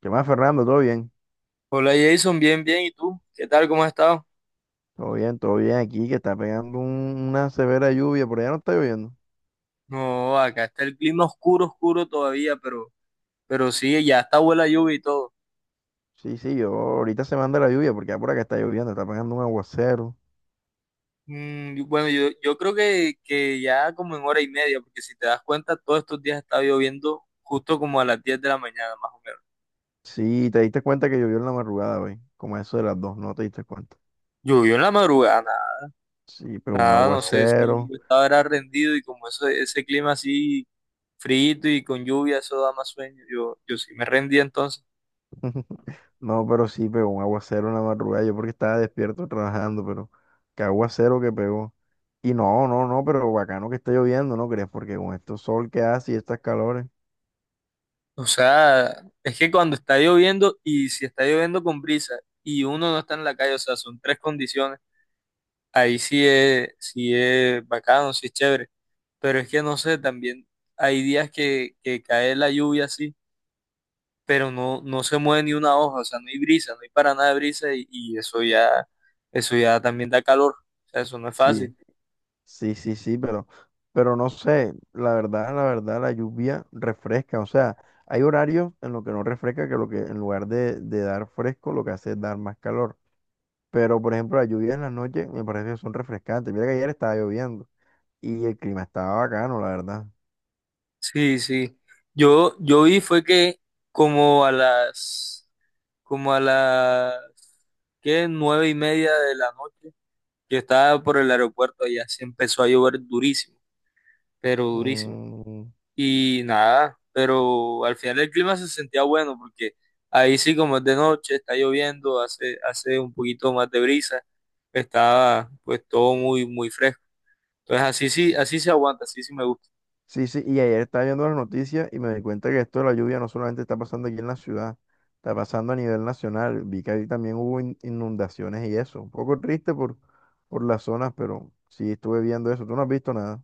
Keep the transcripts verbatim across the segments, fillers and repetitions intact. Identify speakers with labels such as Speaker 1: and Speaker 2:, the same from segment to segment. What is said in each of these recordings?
Speaker 1: ¿Qué más, Fernando? ¿Todo bien?
Speaker 2: Hola Jason, bien, bien. ¿Y tú? ¿Qué tal? ¿Cómo has estado?
Speaker 1: Todo bien, todo bien aquí, que está pegando un- una severa lluvia, por allá no está lloviendo.
Speaker 2: No, acá está el clima oscuro, oscuro todavía, pero, pero sí, ya está buena lluvia y todo.
Speaker 1: Sí, sí, yo ahorita se manda la lluvia porque ya por acá está lloviendo, está pegando un aguacero.
Speaker 2: Mm, y bueno, yo, yo creo que, que ya como en hora y media, porque si te das cuenta, todos estos días está lloviendo justo como a las diez de la mañana, más o menos.
Speaker 1: Sí, te diste cuenta que llovió en la madrugada, güey, como a eso de las dos, no te diste cuenta.
Speaker 2: Llovió en la madrugada, nada,
Speaker 1: Sí, pero un
Speaker 2: nada, no sé si
Speaker 1: aguacero.
Speaker 2: yo estaba era rendido y como eso, ese clima así frito y con lluvia, eso da más sueño. Yo, yo sí me rendí entonces.
Speaker 1: No, pero sí pegó un aguacero en la madrugada, yo porque estaba despierto trabajando, pero qué aguacero que pegó. Y no, no, no, pero bacano que está lloviendo, ¿no crees? Porque con este sol que hace y estas calores,
Speaker 2: O sea, es que cuando está lloviendo y si está lloviendo con brisa y uno no está en la calle, o sea, son tres condiciones, ahí sí es, sí es bacano, sí es chévere. Pero es que no sé, también hay días que, que cae la lluvia así, pero no, no se mueve ni una hoja, o sea, no hay brisa, no hay para nada de brisa y, y eso ya, eso ya también da calor. O sea, eso no es
Speaker 1: sí.
Speaker 2: fácil.
Speaker 1: Sí, sí, sí, pero, pero no sé, la verdad, la verdad, la lluvia refresca, o sea, hay horarios en los que no refresca, que lo que en lugar de, de dar fresco, lo que hace es dar más calor. Pero, por ejemplo, las lluvias en las noches me parece que son refrescantes. Mira que ayer estaba lloviendo y el clima estaba bacano, la verdad.
Speaker 2: Sí, sí. Yo, yo vi fue que como a las como a las ¿qué? nueve y media de la noche. Yo estaba por el aeropuerto y así empezó a llover durísimo, pero durísimo.
Speaker 1: Mm,
Speaker 2: Y nada, pero al final el clima se sentía bueno porque ahí sí como es de noche, está lloviendo, hace, hace un poquito más de brisa, estaba pues todo muy, muy fresco. Entonces así sí,
Speaker 1: sí.
Speaker 2: así se aguanta, así sí me gusta.
Speaker 1: Sí, sí, y ayer estaba viendo las noticias y me di cuenta que esto de la lluvia no solamente está pasando aquí en la ciudad, está pasando a nivel nacional. Vi que ahí también hubo in- inundaciones y eso. Un poco triste por, por las zonas, pero sí estuve viendo eso. ¿Tú no has visto nada?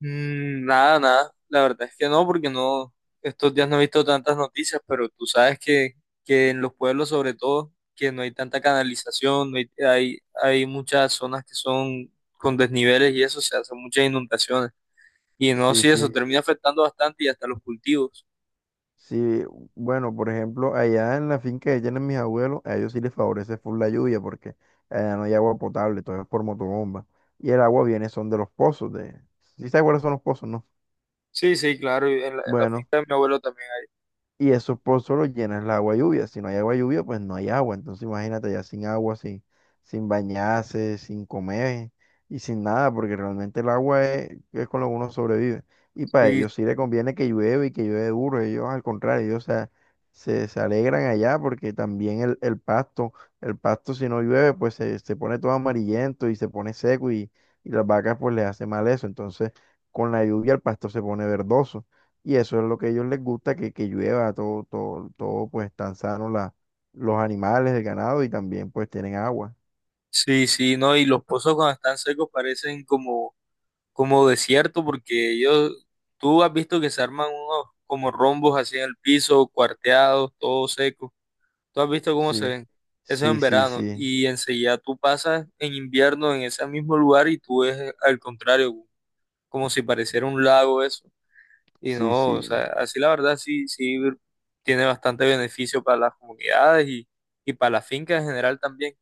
Speaker 2: Mm. Nada, nada. La verdad es que no, porque no, estos días no he visto tantas noticias, pero tú sabes que, que en los pueblos sobre todo, que no hay tanta canalización, no hay, hay, hay muchas zonas que son con desniveles y eso, se hacen muchas inundaciones. Y no,
Speaker 1: Sí,
Speaker 2: sí, eso
Speaker 1: sí.
Speaker 2: termina afectando bastante y hasta los cultivos.
Speaker 1: Sí, bueno, por ejemplo, allá en la finca que tienen mis abuelos, a ellos sí les favorece full la lluvia porque allá no hay agua potable, todo es por motobomba. Y el agua viene son de los pozos de... ¿Sí sabes cuáles son los pozos, no?
Speaker 2: Sí, sí, claro, y en la, en la
Speaker 1: Bueno.
Speaker 2: finca de mi abuelo también
Speaker 1: Y esos pozos los llenas el agua lluvia. Si no hay agua lluvia, pues no hay agua. Entonces imagínate ya sin agua, sin, sin bañarse, sin comer y sin nada, porque realmente el agua es, es con lo que uno sobrevive. Y para
Speaker 2: hay. Y
Speaker 1: ellos sí le conviene que llueve y que llueve duro. Ellos al contrario, ellos se, se, se alegran allá porque también el, el pasto, el pasto si no llueve, pues se, se pone todo amarillento y se pone seco y, y las vacas pues les hace mal eso. Entonces con la lluvia el pasto se pone verdoso. Y eso es lo que a ellos les gusta, que, que llueva, todo, todo, todo, pues tan sano la, los animales, el ganado y también pues tienen agua.
Speaker 2: sí, sí, no, y los pozos cuando están secos parecen como como desierto, porque ellos, tú has visto que se arman unos como rombos así en el piso, cuarteados, todo seco. Tú has visto cómo se
Speaker 1: Sí,
Speaker 2: ven. Eso es en
Speaker 1: sí, sí,
Speaker 2: verano.
Speaker 1: sí,
Speaker 2: Y enseguida tú pasas en invierno en ese mismo lugar y tú ves al contrario, como si pareciera un lago eso. Y
Speaker 1: sí,
Speaker 2: no, o sea,
Speaker 1: sí,
Speaker 2: así la verdad sí, sí tiene bastante beneficio para las comunidades y, y para la finca en general también.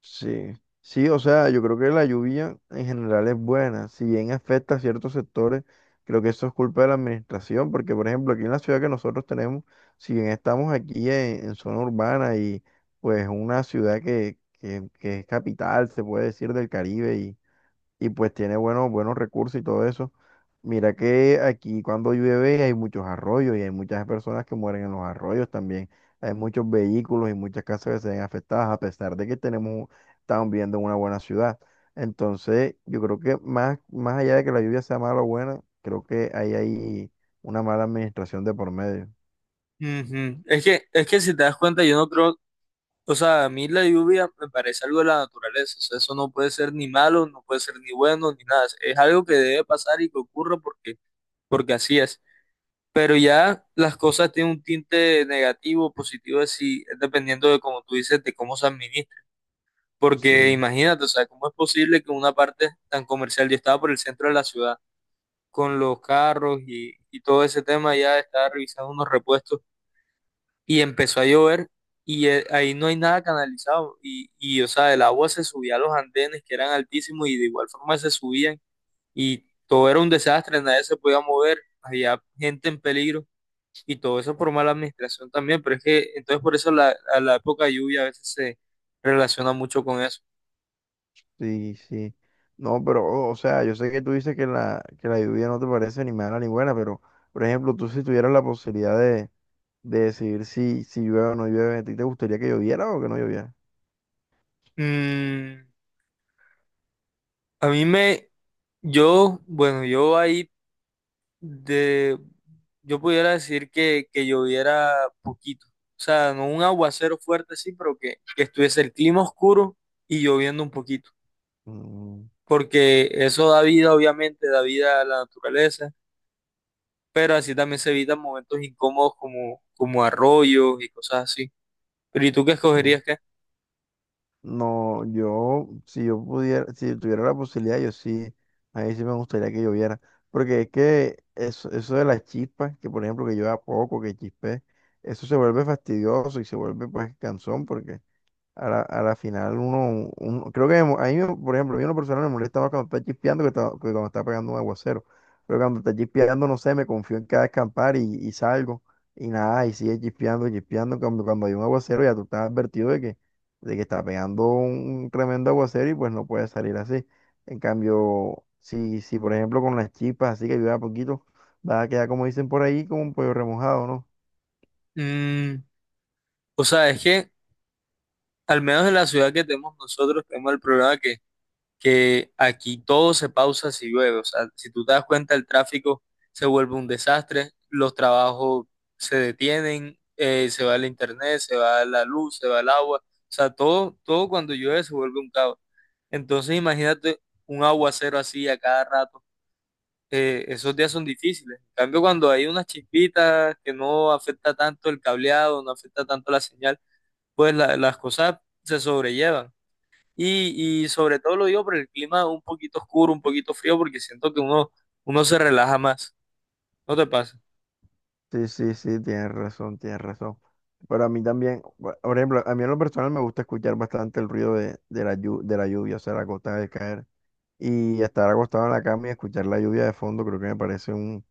Speaker 1: sí. Sí, o sea, yo creo que la lluvia en general es buena. Si bien afecta a ciertos sectores, creo que eso es culpa de la administración, porque por ejemplo aquí en la ciudad que nosotros tenemos, si bien estamos aquí en, en zona urbana y pues una ciudad que, que, que es capital, se puede decir, del Caribe y y pues tiene buenos, buenos recursos y todo eso. Mira que aquí cuando llueve hay muchos arroyos y hay muchas personas que mueren en los arroyos también. Hay muchos vehículos y muchas casas que se ven afectadas a pesar de que tenemos, estamos viviendo en una buena ciudad. Entonces, yo creo que más, más allá de que la lluvia sea mala o buena, creo que ahí hay una mala administración de por medio.
Speaker 2: Ujú. Es que, es que si te das cuenta, yo no creo. O sea, a mí la lluvia me parece algo de la naturaleza, o sea, eso no puede ser ni malo, no puede ser ni bueno, ni nada, es algo que debe pasar y que ocurra porque, porque así es. Pero ya las cosas tienen un tinte negativo, positivo, así, es dependiendo de como tú dices, de cómo se administra. Porque
Speaker 1: Sí.
Speaker 2: imagínate, o sea, cómo es posible que una parte tan comercial, yo estaba por el centro de la ciudad, con los carros y, y todo ese tema, ya estaba revisando unos repuestos y empezó a llover y eh, ahí no hay nada canalizado y, y, o sea, el agua se subía a los andenes que eran altísimos y de igual forma se subían y todo era un desastre, nadie se podía mover, había gente en peligro y todo eso por mala administración también, pero es que entonces por eso la, a la época de lluvia a veces se relaciona mucho con eso.
Speaker 1: Sí, sí. No, pero, o sea, yo sé que tú dices que la, que la lluvia no te parece ni mala ni buena, pero, por ejemplo, tú si tuvieras la posibilidad de, de decidir si, si llueve o no llueve, ¿a ti te gustaría que lloviera o que no lloviera?
Speaker 2: Mm, a mí me, yo, bueno, yo ahí de, yo pudiera decir que, que lloviera poquito. O sea, no un aguacero fuerte, sí, pero que, que estuviese el clima oscuro y lloviendo un poquito.
Speaker 1: Mm,
Speaker 2: Porque eso da vida, obviamente, da vida a la naturaleza, pero así también se evitan momentos incómodos como, como arroyos y cosas así. Pero ¿y tú qué
Speaker 1: sí.
Speaker 2: escogerías qué?
Speaker 1: No, yo, si yo pudiera, si tuviera la posibilidad, yo sí, ahí sí me gustaría que lloviera. Porque es que eso, eso de las chispas, que por ejemplo que llueva poco, que chispe, eso se vuelve fastidioso y se vuelve pues cansón porque a la, a la final uno, uno- creo que me mo- a mí, me- por ejemplo, a mí una persona me molesta más cuando está chispeando que, ta- que cuando está pegando un aguacero. Pero cuando está chispeando, no sé, me confío en que va a escampar y, y salgo. Y nada, y sigue chispeando, chispeando. Cuando, cuando hay un aguacero ya tú estás advertido de que, de que está pegando un tremendo aguacero y pues no puedes salir así. En cambio, si, si por ejemplo con las chispas así que ayuda poquito, va a quedar como dicen por ahí, como un pollo remojado, ¿no?
Speaker 2: Mm, o sea, es que al menos en la ciudad que tenemos nosotros tenemos el problema que aquí todo se pausa si llueve. O sea, si tú te das cuenta, el tráfico se vuelve un desastre, los trabajos se detienen, eh, se va el internet, se va la luz, se va el agua. O sea, todo, todo cuando llueve se vuelve un caos. Entonces, imagínate un aguacero así a cada rato. Eh, esos días son difíciles. En cambio, cuando hay unas chispitas que no afecta tanto el cableado, no afecta tanto la señal, pues la- las cosas se sobrellevan. Y, y sobre todo lo digo por el clima un poquito oscuro, un poquito frío, porque siento que uno, uno se relaja más. ¿No te pasa?
Speaker 1: Sí, sí, sí, tienes razón, tienes razón. Pero a mí también, bu- por ejemplo, a mí en lo personal me gusta escuchar bastante el ruido de, de la, llu- de la lluvia, o sea, la gota de caer. Y estar acostado en la cama y escuchar la lluvia de fondo, creo que me parece un,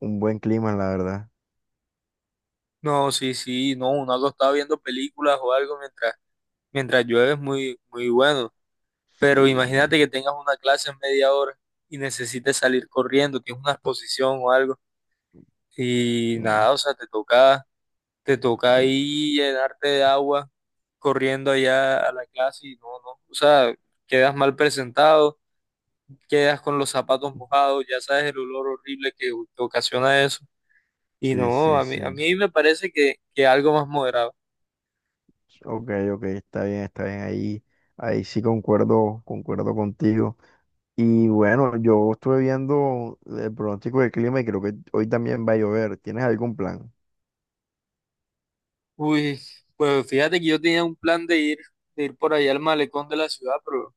Speaker 1: un buen clima, la verdad.
Speaker 2: No, sí, sí, no, uno algo está viendo películas o algo mientras, mientras llueve es muy, muy bueno. Pero
Speaker 1: Sí,
Speaker 2: imagínate que tengas una clase en media hora y necesites salir corriendo, tienes una exposición o algo. Y
Speaker 1: mm,
Speaker 2: nada, o sea, te toca, te toca
Speaker 1: mm,
Speaker 2: ahí llenarte de agua corriendo allá a la clase y no, no, o sea, quedas mal presentado, quedas con los zapatos mojados, ya sabes el olor horrible que, que ocasiona eso. Y
Speaker 1: sí,
Speaker 2: no,
Speaker 1: sí,
Speaker 2: a mí, a
Speaker 1: sí.
Speaker 2: mí me parece que, que algo más moderado.
Speaker 1: Ok, ok, está bien, está bien. Ahí, ahí sí concuerdo, concuerdo contigo. Y bueno, yo estuve viendo el pronóstico del clima y creo que hoy también va a llover. ¿Tienes algún plan?
Speaker 2: Uy, pues fíjate que yo tenía un plan de ir, de ir por allá al malecón de la ciudad, pero,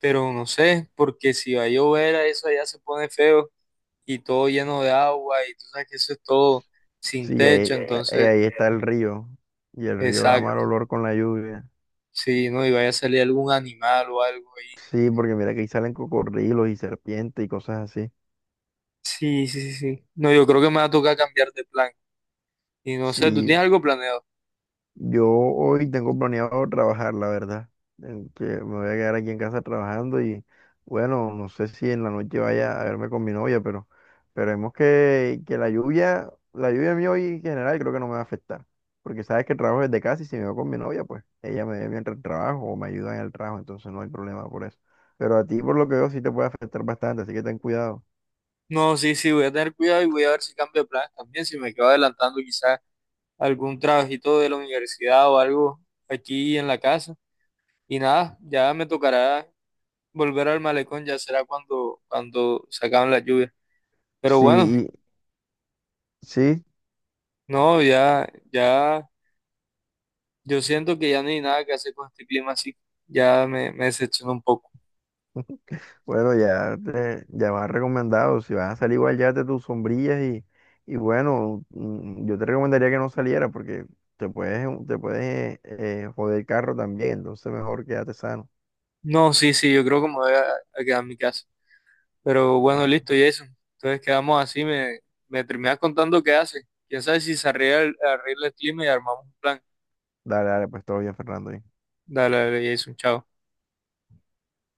Speaker 2: pero no sé, porque si va a llover, a eso allá se pone feo y todo lleno de agua y tú sabes que eso es todo sin
Speaker 1: Sí,
Speaker 2: techo. Eh,
Speaker 1: ahí, ahí
Speaker 2: entonces,
Speaker 1: ahí está el río. Y el río da mal
Speaker 2: exacto,
Speaker 1: olor con la lluvia.
Speaker 2: sí, no, y vaya a salir algún animal o algo ahí.
Speaker 1: Sí, porque mira que ahí salen cocodrilos y serpientes y cosas así.
Speaker 2: Sí, sí, sí, sí. No, yo creo que me va a tocar cambiar de plan. Y no sé, ¿tú
Speaker 1: Sí,
Speaker 2: tienes algo planeado?
Speaker 1: yo hoy tengo planeado trabajar, la verdad. En que me voy a quedar aquí en casa trabajando y bueno, no sé si en la noche vaya a verme con mi novia, pero esperemos que, que la lluvia, la lluvia a mí hoy en general creo que no me va a afectar. Porque sabes que trabajo desde casa y si me voy con mi novia, pues ella me ve mientras trabajo o me ayuda en el trabajo, entonces no hay problema por eso. Pero a ti por lo que veo sí te puede afectar bastante, así que ten cuidado.
Speaker 2: No, sí, sí, voy a tener cuidado y voy a ver si cambio de planes también, si me quedo adelantando quizás algún trabajito de la universidad o algo aquí en la casa. Y nada, ya me tocará volver al malecón, ya será cuando, cuando se acaben las lluvias. Pero
Speaker 1: Sí,
Speaker 2: bueno,
Speaker 1: y- sí.
Speaker 2: no, ya, ya, yo siento que ya no hay nada que hacer con este clima así, ya me, me, decepcionó un poco.
Speaker 1: Bueno, ya, te- ya vas recomendado. Si vas a salir igual, llévate tus sombrillas y, y bueno, mm, yo te recomendaría que no saliera porque te puedes, te puedes eh, joder el carro también. Entonces mejor quédate sano.
Speaker 2: No, sí, sí, yo creo que me voy a, a quedar en mi casa. Pero bueno,
Speaker 1: Ah,
Speaker 2: listo, Jason. Entonces quedamos así, me, me, terminas contando qué hace. Quién sabe si se arregla el, arregla el clima y armamos un plan.
Speaker 1: dale, dale, pues todo bien, Fernando.
Speaker 2: Dale, dale, Jason, chao.